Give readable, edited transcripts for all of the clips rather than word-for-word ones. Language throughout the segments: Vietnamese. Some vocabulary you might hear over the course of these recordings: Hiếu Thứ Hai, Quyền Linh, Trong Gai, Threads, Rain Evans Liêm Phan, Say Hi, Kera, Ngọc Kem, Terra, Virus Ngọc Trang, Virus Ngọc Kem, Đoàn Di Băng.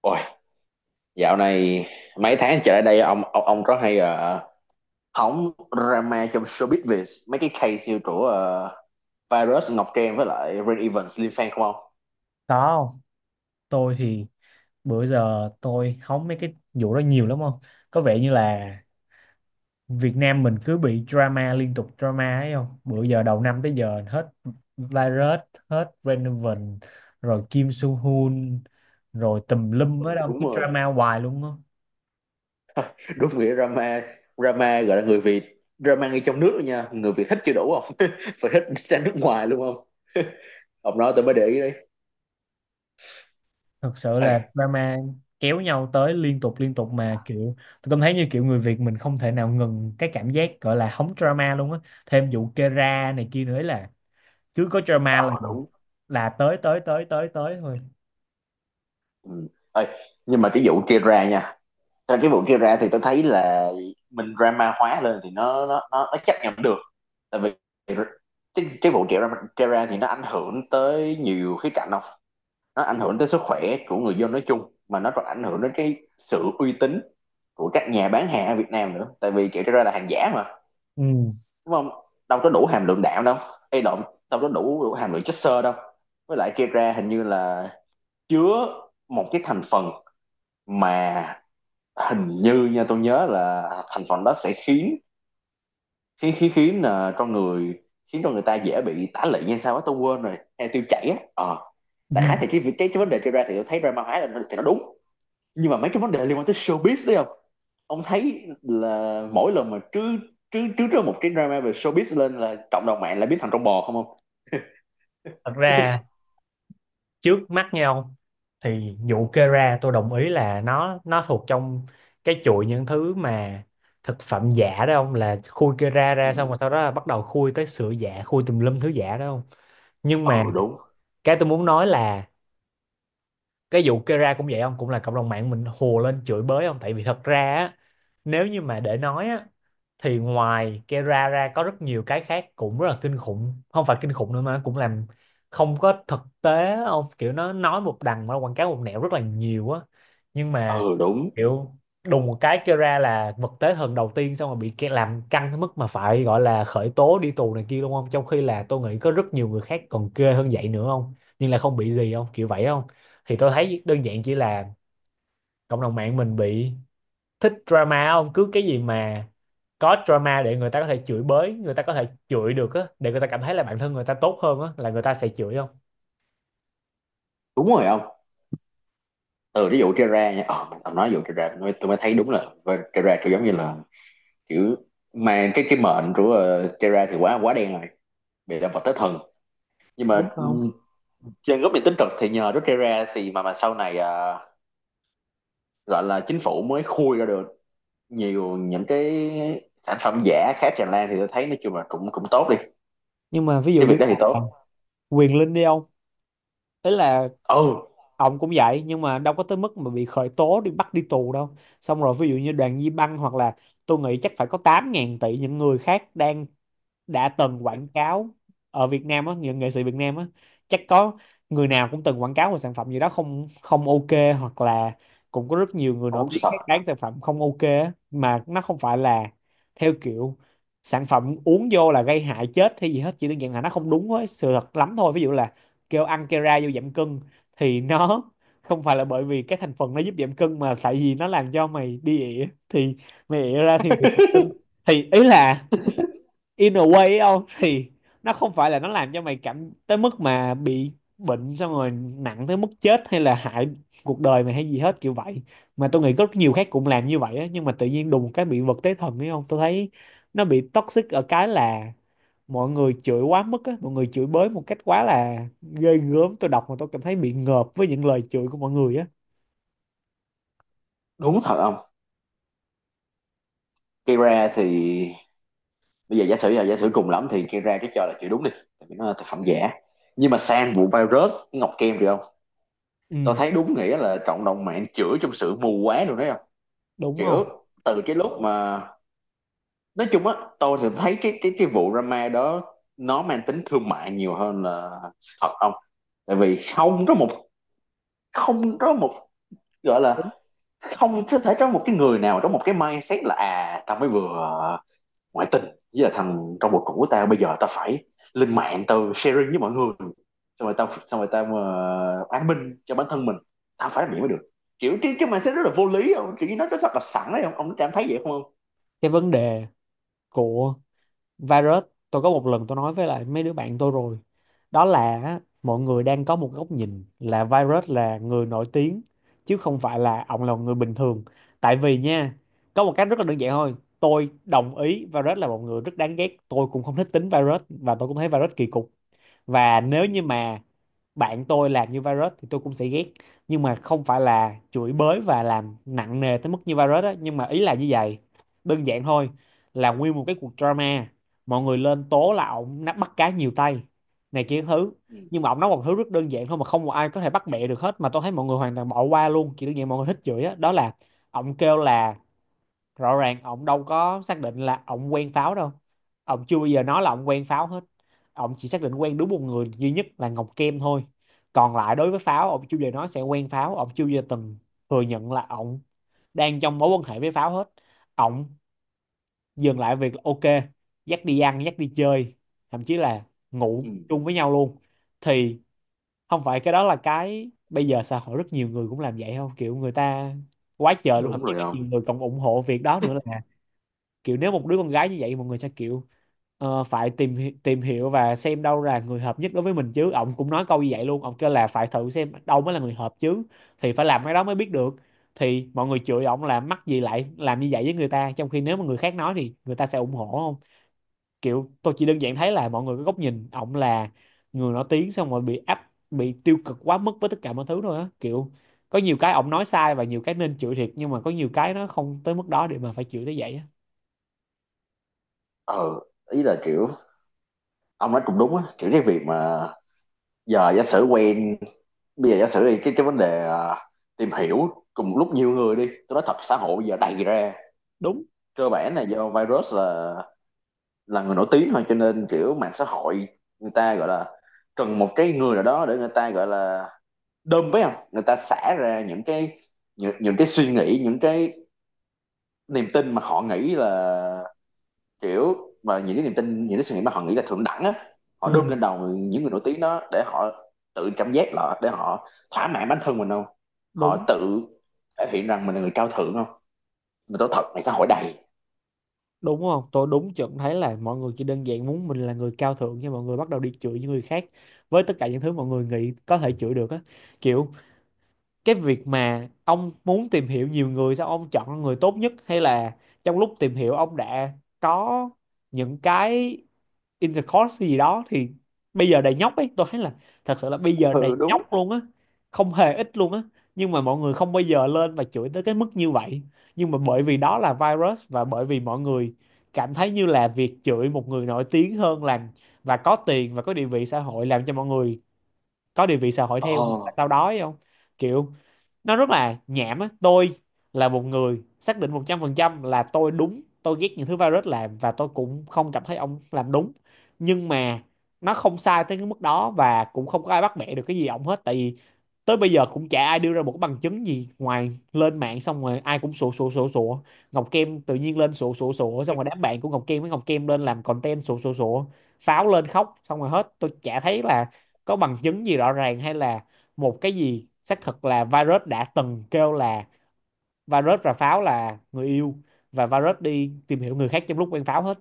Ôi, dạo này mấy tháng trở lại đây ông rất hay hóng drama trong showbiz Việt mấy cái case như của Virus Ngọc Trang với lại Rain Evans Liêm Phan không ông? Có không? Tôi thì bữa giờ tôi hóng mấy cái vụ đó nhiều lắm không? Có vẻ như là Việt Nam mình cứ bị drama liên tục drama ấy không? Bữa giờ đầu năm tới giờ hết Virus, hết Renovan, rồi Kim Soo Hyun, rồi tùm lum ở Ừ, đâu đúng cứ rồi, drama hoài luôn á. đúng nghĩa drama, drama gọi là người Việt drama ngay trong nước luôn nha, người Việt thích chưa đủ không? Phải thích sang nước ngoài luôn không? Ông nói tôi mới để ý đấy. Thật sự Ê, là drama kéo nhau tới liên tục mà kiểu tôi cảm thấy như kiểu người Việt mình không thể nào ngừng cái cảm giác gọi là hóng drama luôn á. Thêm vụ Kera này kia nữa ấy là cứ có drama là ờ đúng. Tới tới tới tới tới thôi. Ừ. Ê, nhưng mà cái vụ kia ra nha. Trong cái vụ kia ra thì tôi thấy là mình drama hóa lên thì nó chấp nhận được, tại vì cái vụ trẻ ra, thì nó ảnh hưởng tới nhiều khía cạnh không, nó ảnh hưởng tới sức khỏe của người dân nói chung, mà nó còn ảnh hưởng đến cái sự uy tín của các nhà bán hàng ở Việt Nam nữa, tại vì trẻ ra là hàng giả mà, Ừ. đúng không, đâu có đủ hàm lượng đạm đâu, hay động, đâu có đủ hàm lượng chất xơ đâu, với lại trẻ ra hình như là chứa một cái thành phần mà hình như nha, tôi nhớ là thành phần đó sẽ khiến, khí khí khiến là con người, khiến cho người ta dễ bị tả lị hay sao á, tôi quên rồi, hay tiêu chảy á, ờ Ừ, đại khái thì cái vấn đề kia ra thì tôi thấy drama hóa là thì nó đúng, nhưng mà mấy cái vấn đề liên quan tới showbiz đấy không, ông thấy là mỗi lần mà trứ trứ trứ ra một cái drama về showbiz lên là cộng đồng mạng lại biến thành con bò không không. thật ra trước mắt nhau thì vụ kê ra tôi đồng ý là nó thuộc trong cái chuỗi những thứ mà thực phẩm giả đó không, là khui kê ra Ừ. ra xong rồi sau đó là bắt đầu khui tới sữa giả, khui tùm lum thứ giả đó không. Nhưng Ờ, mà đúng. cái tôi muốn nói là cái vụ Kera cũng vậy không, cũng là cộng đồng mạng mình hùa lên chửi bới không, tại vì thật ra á, nếu như mà để nói á thì ngoài Kera ra có rất nhiều cái khác cũng rất là kinh khủng, không phải kinh khủng nữa mà nó cũng làm không có thực tế á, ông kiểu nó nói một đằng mà nó quảng cáo một nẻo rất là nhiều á. Nhưng mà Ừ đúng. kiểu đùng một cái Kera là vật tế thần đầu tiên xong rồi bị làm căng tới mức mà phải gọi là khởi tố, đi tù này kia, đúng không, trong khi là tôi nghĩ có rất nhiều người khác còn ghê hơn vậy nữa không, nhưng là không bị gì không, kiểu vậy không. Thì tôi thấy đơn giản chỉ là cộng đồng mạng mình bị thích drama không, cứ cái gì mà có drama để người ta có thể chửi bới, người ta có thể chửi được á, để người ta cảm thấy là bản thân người ta tốt hơn á là người ta sẽ chửi không, Đúng rồi không. Từ ví dụ Terra nha, ờ mình ông nói ví dụ Terra tôi mới thấy đúng là với Terra kiểu giống như là kiểu mà cái mệnh của Terra thì quá quá đen rồi, bị là vật tới thần, nhưng đúng mà ừ, không. trên góc nhìn tích cực thì nhờ Rút ra thì mà sau này à, gọi là chính phủ mới khui ra được nhiều những cái sản phẩm giả khác tràn lan thì tôi thấy nói chung là cũng cũng tốt đi, Nhưng mà ví dụ cái việc như đó thì tốt. là Quyền Linh đi ông, ý là Ừ, ông cũng vậy nhưng mà đâu có tới mức mà bị khởi tố đi bắt đi tù đâu. Xong rồi ví dụ như Đoàn Di Băng hoặc là tôi nghĩ chắc phải có 8 ngàn tỷ những người khác đang đã từng quảng cáo ở Việt Nam á, những nghệ sĩ Việt Nam á chắc có người nào cũng từng quảng cáo một sản phẩm gì đó không không ok, hoặc là cũng có rất nhiều người không nổi đúng tiếng sự thật. khác bán sản phẩm không ok á, mà nó không phải là theo kiểu sản phẩm uống vô là gây hại chết hay gì hết, chỉ đơn giản là nó không đúng với sự thật lắm thôi. Ví dụ là kêu ăn Kera vô giảm cân thì nó không phải là bởi vì cái thành phần nó giúp giảm cân mà tại vì nó làm cho mày đi ỉa, thì mày ỉa ra thì mày giảm cân. Thì ý là in a way ấy không, thì nó không phải là nó làm cho mày cảm tới mức mà bị bệnh xong rồi nặng tới mức chết hay là hại cuộc đời mày hay gì hết kiểu vậy. Mà tôi nghĩ có rất nhiều khác cũng làm như vậy á nhưng mà tự nhiên đùng một cái bị vật tế thần ấy không. Tôi thấy nó bị toxic ở cái là mọi người chửi quá mức á, mọi người chửi bới một cách quá là ghê gớm, tôi đọc mà tôi cảm thấy bị ngợp với những lời chửi của mọi người á. Đúng thật không. Kira thì bây giờ giả sử là, giả sử cùng lắm thì Kira cái cho là chữ đúng đi, tại vì nó là thực phẩm giả, nhưng mà sang vụ virus ngọc kem rồi không, tôi Ừ, thấy đúng nghĩa là cộng đồng mạng chửi trong sự mù quáng rồi đấy không, đúng kiểu không. từ cái lúc mà nói chung á, tôi thì thấy cái vụ drama đó nó mang tính thương mại nhiều hơn là sự thật không, tại vì không có một gọi là không có thể có một cái người nào trong một cái mindset là, à tao mới vừa ngoại tình với là thằng trong một cuộc của tao, bây giờ tao phải lên mạng tao sharing với mọi người, xong rồi tao, an minh cho bản thân mình, tao phải làm gì mới được, kiểu cái mindset rất là vô lý không, kiểu như nó rất là sẵn đấy không, ông cảm thấy vậy không không. Cái vấn đề của virus, tôi có một lần tôi nói với lại mấy đứa bạn tôi rồi, đó là á, mọi người đang có một góc nhìn là virus là người nổi tiếng chứ không phải là ông là một người bình thường. Tại vì nha, có một cách rất là đơn giản thôi, tôi đồng ý virus là một người rất đáng ghét, tôi cũng không thích tính virus và tôi cũng thấy virus kỳ cục, và nếu Ừ, như mà bạn tôi làm như virus thì tôi cũng sẽ ghét, nhưng mà không phải là chửi bới và làm nặng nề tới mức như virus á. Nhưng mà ý là như vậy, đơn giản thôi. Là nguyên một cái cuộc drama mọi người lên tố là ổng bắt cá nhiều tay này kia thứ, ừ, nhưng mà ổng nói một thứ rất đơn giản thôi mà không một ai có thể bắt bẻ được hết, mà tôi thấy mọi người hoàn toàn bỏ qua luôn, chỉ đơn giản mọi người thích chửi á. Đó là ổng kêu là rõ ràng ông đâu có xác định là ông quen pháo đâu, ông chưa bao giờ nói là ông quen pháo hết. Ông chỉ xác định quen đúng một người duy nhất là Ngọc Kem thôi. Còn lại đối với pháo, ông chưa bao giờ nói sẽ quen pháo, ông chưa bao giờ từng thừa nhận là ông đang trong mối quan hệ với pháo hết. Ông dừng lại việc là ok, dắt đi ăn dắt đi chơi, thậm chí là ngủ ừ. chung với nhau luôn. Thì không phải cái đó là cái bây giờ xã hội rất nhiều người cũng làm vậy không, kiểu người ta quá trời luôn, Đúng, thậm đúng chí rồi. có nhiều người còn ủng hộ việc đó nữa là kiểu nếu một đứa con gái như vậy mọi người sẽ kiểu ờ, phải tìm hiểu và xem đâu là người hợp nhất đối với mình chứ. Ông cũng nói câu như vậy luôn, ông kêu là phải thử xem đâu mới là người hợp chứ, thì phải làm cái đó mới biết được. Thì mọi người chửi ông là mắc gì lại làm như vậy với người ta, trong khi nếu mà người khác nói thì người ta sẽ ủng hộ không. Kiểu tôi chỉ đơn giản thấy là mọi người có góc nhìn ông là người nổi tiếng xong rồi bị áp bị tiêu cực quá mức với tất cả mọi thứ thôi á. Kiểu có nhiều cái ông nói sai và nhiều cái nên chửi thiệt, nhưng mà có nhiều cái nó không tới mức đó để mà phải chửi tới vậy á. Ờ ý là kiểu ông nói cũng đúng á, kiểu cái việc mà giờ giả sử quen, bây giờ giả sử đi cái vấn đề à, tìm hiểu cùng lúc nhiều người đi, tôi nói thật xã hội bây giờ đầy ra, Đúng. cơ bản là do virus là người nổi tiếng thôi, cho nên kiểu mạng xã hội người ta gọi là cần một cái người nào đó để người ta gọi là đơm với không, người ta xả ra những cái những cái suy nghĩ, những cái niềm tin mà họ nghĩ là kiểu, mà những cái niềm tin, những cái suy nghĩ mà họ nghĩ là thượng đẳng á, họ đơm Ừ. lên đầu những người nổi tiếng đó để họ tự cảm giác là, để họ thỏa mãn bản thân mình không, Đúng, họ tự thể hiện rằng mình là người cao thượng không, mình tốt thật, này xã hội đầy. đúng không. Tôi đúng chuẩn thấy là mọi người chỉ đơn giản muốn mình là người cao thượng nhưng mọi người bắt đầu đi chửi những người khác với tất cả những thứ mọi người nghĩ có thể chửi được á. Kiểu cái việc mà ông muốn tìm hiểu nhiều người sao ông chọn người tốt nhất, hay là trong lúc tìm hiểu ông đã có những cái intercourse gì đó thì bây giờ đầy nhóc ấy. Tôi thấy là thật sự là bây giờ đầy Ừ đúng. nhóc luôn á, không hề ít luôn á, nhưng mà mọi người không bao giờ lên và chửi tới cái mức như vậy. Nhưng mà bởi vì đó là virus và bởi vì mọi người cảm thấy như là việc chửi một người nổi tiếng hơn làm và có tiền và có địa vị xã hội làm cho mọi người có địa vị xã hội theo, hoặc là Ồ. tao đói không. Kiểu nó rất là nhảm á. Tôi là một người xác định 100% là tôi đúng, tôi ghét những thứ virus làm và tôi cũng không cảm thấy ông làm đúng, nhưng mà nó không sai tới cái mức đó và cũng không có ai bắt bẻ được cái gì ông hết, tại vì tới bây giờ cũng chả ai đưa ra một cái bằng chứng gì, ngoài lên mạng xong rồi ai cũng sủa sủa sủa sủa. Ngọc Kem tự nhiên lên sủa sủa sủa, xong rồi đám bạn của Ngọc Kem với Ngọc Kem lên làm content sủa sủa sủa, pháo lên khóc xong rồi hết. Tôi chả thấy là có bằng chứng gì rõ ràng, hay là một cái gì xác thực là virus đã từng kêu là virus và pháo là người yêu, và virus đi tìm hiểu người khác trong lúc quen pháo hết.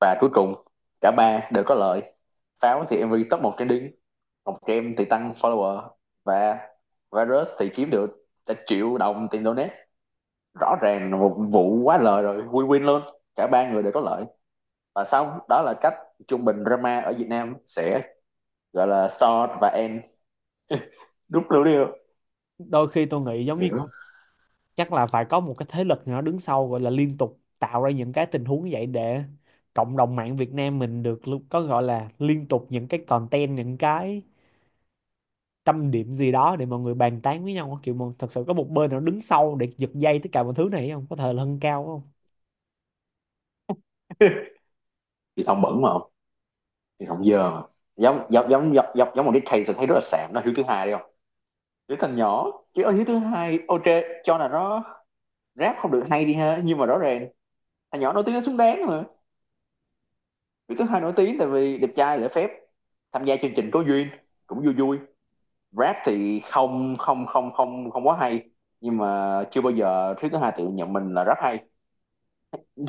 Và cuối cùng cả ba đều có lợi, pháo thì em MV top 1 trending, ngọc kem thì tăng follower, và virus thì kiếm được cả triệu đồng tiền donate, rõ ràng là một vụ quá lời rồi, win win luôn, cả ba người đều có lợi, và xong đó là cách trung bình drama ở Việt Nam sẽ gọi là start và end, đúng lưu đi Đôi khi tôi nghĩ giống như hiểu. chắc là phải có một cái thế lực nào đó đứng sau gọi là liên tục tạo ra những cái tình huống như vậy để cộng đồng mạng Việt Nam mình được có gọi là liên tục những cái content, những cái tâm điểm gì đó để mọi người bàn tán với nhau, kiểu mà thật sự có một bên nào đứng sau để giật dây tất cả mọi thứ này không, có thể là hơn cao không. Thì thông bẩn mà không, thì thông dơ mà, giống giống giống giống giống một cái case tôi thấy rất là sạm đó, hiếu thứ hai đi không, đứa thằng nhỏ, chứ ở hiếu thứ hai ok, cho là nó rap không được hay đi ha, nhưng mà rõ ràng thằng nhỏ nổi tiếng nó xứng đáng mà, hiếu thứ hai nổi tiếng tại vì đẹp trai, lễ phép, tham gia chương trình có duyên, cũng vui vui, rap thì không không không không không quá hay, nhưng mà chưa bao giờ hiếu thứ hai tự nhận mình là rap hay,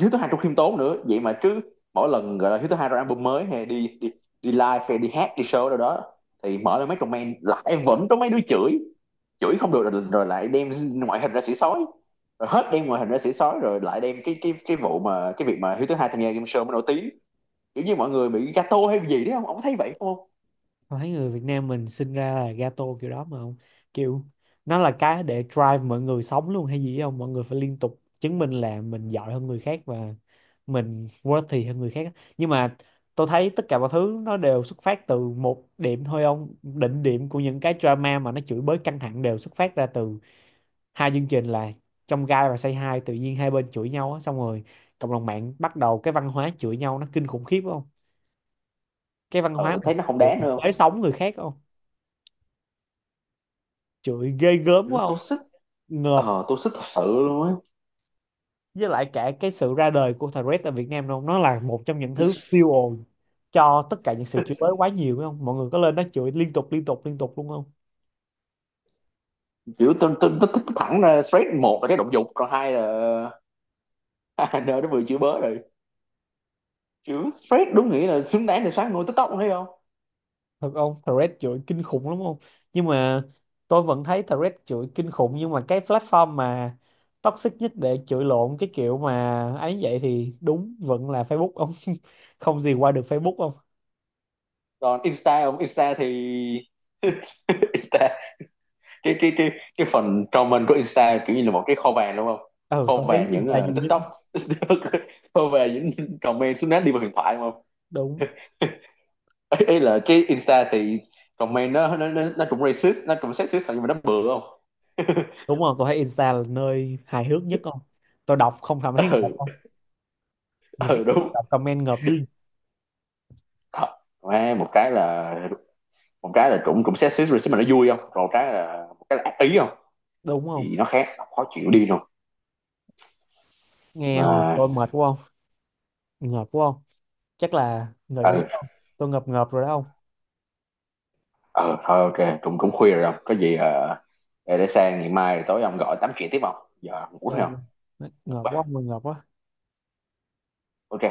Hiếu thứ hai trong khiêm tốn nữa vậy mà chứ, mỗi lần gọi là Hiếu thứ hai ra album mới hay đi đi đi live hay đi hát đi show đâu đó, thì mở lên mấy comment lại vẫn có mấy đứa chửi, chửi không được rồi, lại đem ngoại hình ra xỉ sói, rồi hết đem ngoại hình ra xỉ sói rồi lại đem cái vụ mà cái việc mà Hiếu thứ hai tham gia game show mới nổi tiếng, kiểu như mọi người bị gato hay gì đấy không, ông thấy vậy không? Thấy người Việt Nam mình sinh ra là gato kiểu đó mà không, kiểu nó là cái để drive mọi người sống luôn hay gì không. Mọi người phải liên tục chứng minh là mình giỏi hơn người khác và mình worthy hơn người khác, nhưng mà tôi thấy tất cả mọi thứ nó đều xuất phát từ một điểm thôi ông. Đỉnh điểm của những cái drama mà nó chửi bới căng thẳng đều xuất phát ra từ hai chương trình là trong gai và say hi, tự nhiên hai bên chửi nhau á, xong rồi cộng đồng mạng bắt đầu cái văn hóa chửi nhau nó kinh khủng khiếp không. Cái văn hóa Ờ thấy nó không đáng mình nữa không, tới sống người khác không, chửi ghê gớm kiểu quá không. tôi sức, Ngợp. ờ tôi sức thật sự luôn á, Với lại cả cái sự ra đời của Threads tại Việt Nam luôn, nó là một trong những thứ fuel ồn cho tất cả những sự chửi bới quá nhiều phải không, mọi người có lên đó chửi liên tục liên tục liên tục luôn không. kiểu tôi thẳng ra straight một là cái động dục còn hai là nơi nó vừa chửi bớ rồi, chữ Fred đúng nghĩa là xứng đáng để sáng ngôi TikTok thấy không. Thật không, Threads chửi kinh khủng lắm không, nhưng mà tôi vẫn thấy Threads chửi kinh khủng, nhưng mà cái platform mà toxic nhất để chửi lộn, cái kiểu mà ấy, vậy thì đúng vẫn là Facebook ông. Không gì qua được Facebook không. Còn Insta không, Insta thì Insta, cái cái phần comment của Insta kiểu như là một cái kho vàng đúng không, Ừ, kho tôi thấy vàng những Insta ờ, nhiều nhất. TikTok, kho vàng những comment xứng đáng đi vào huyền thoại đúng không. Đúng. Ấy, ấy là cái Insta thì comment nó cũng racist, nó cũng sexist, nhưng mà nó bừa không. Đúng rồi, tôi thấy Insta là nơi hài hước nhất không, tôi đọc không cảm thấy ngợp không, Ừ. những cái Ừ đúng. đọc comment ngợp đi. Đó. Một cái là, cũng cũng sexist racist mà nó vui không, còn một cái là, ác ý không, Đúng không, thì nó khác, khó chịu đi rồi nghe hồi mà. tôi mệt quá không, ngợp quá không, chắc là nghỉ quá Ừ, không. Tôi ngợp ngợp rồi đó không. ừ thôi ok cũng cũng khuya rồi không có gì, ờ, để sang ngày mai tối ông gọi tám chuyện tiếp không, giờ ngủ thấy Trời không. ơi, ngợp Ok. quá không ngợp quá. Ok.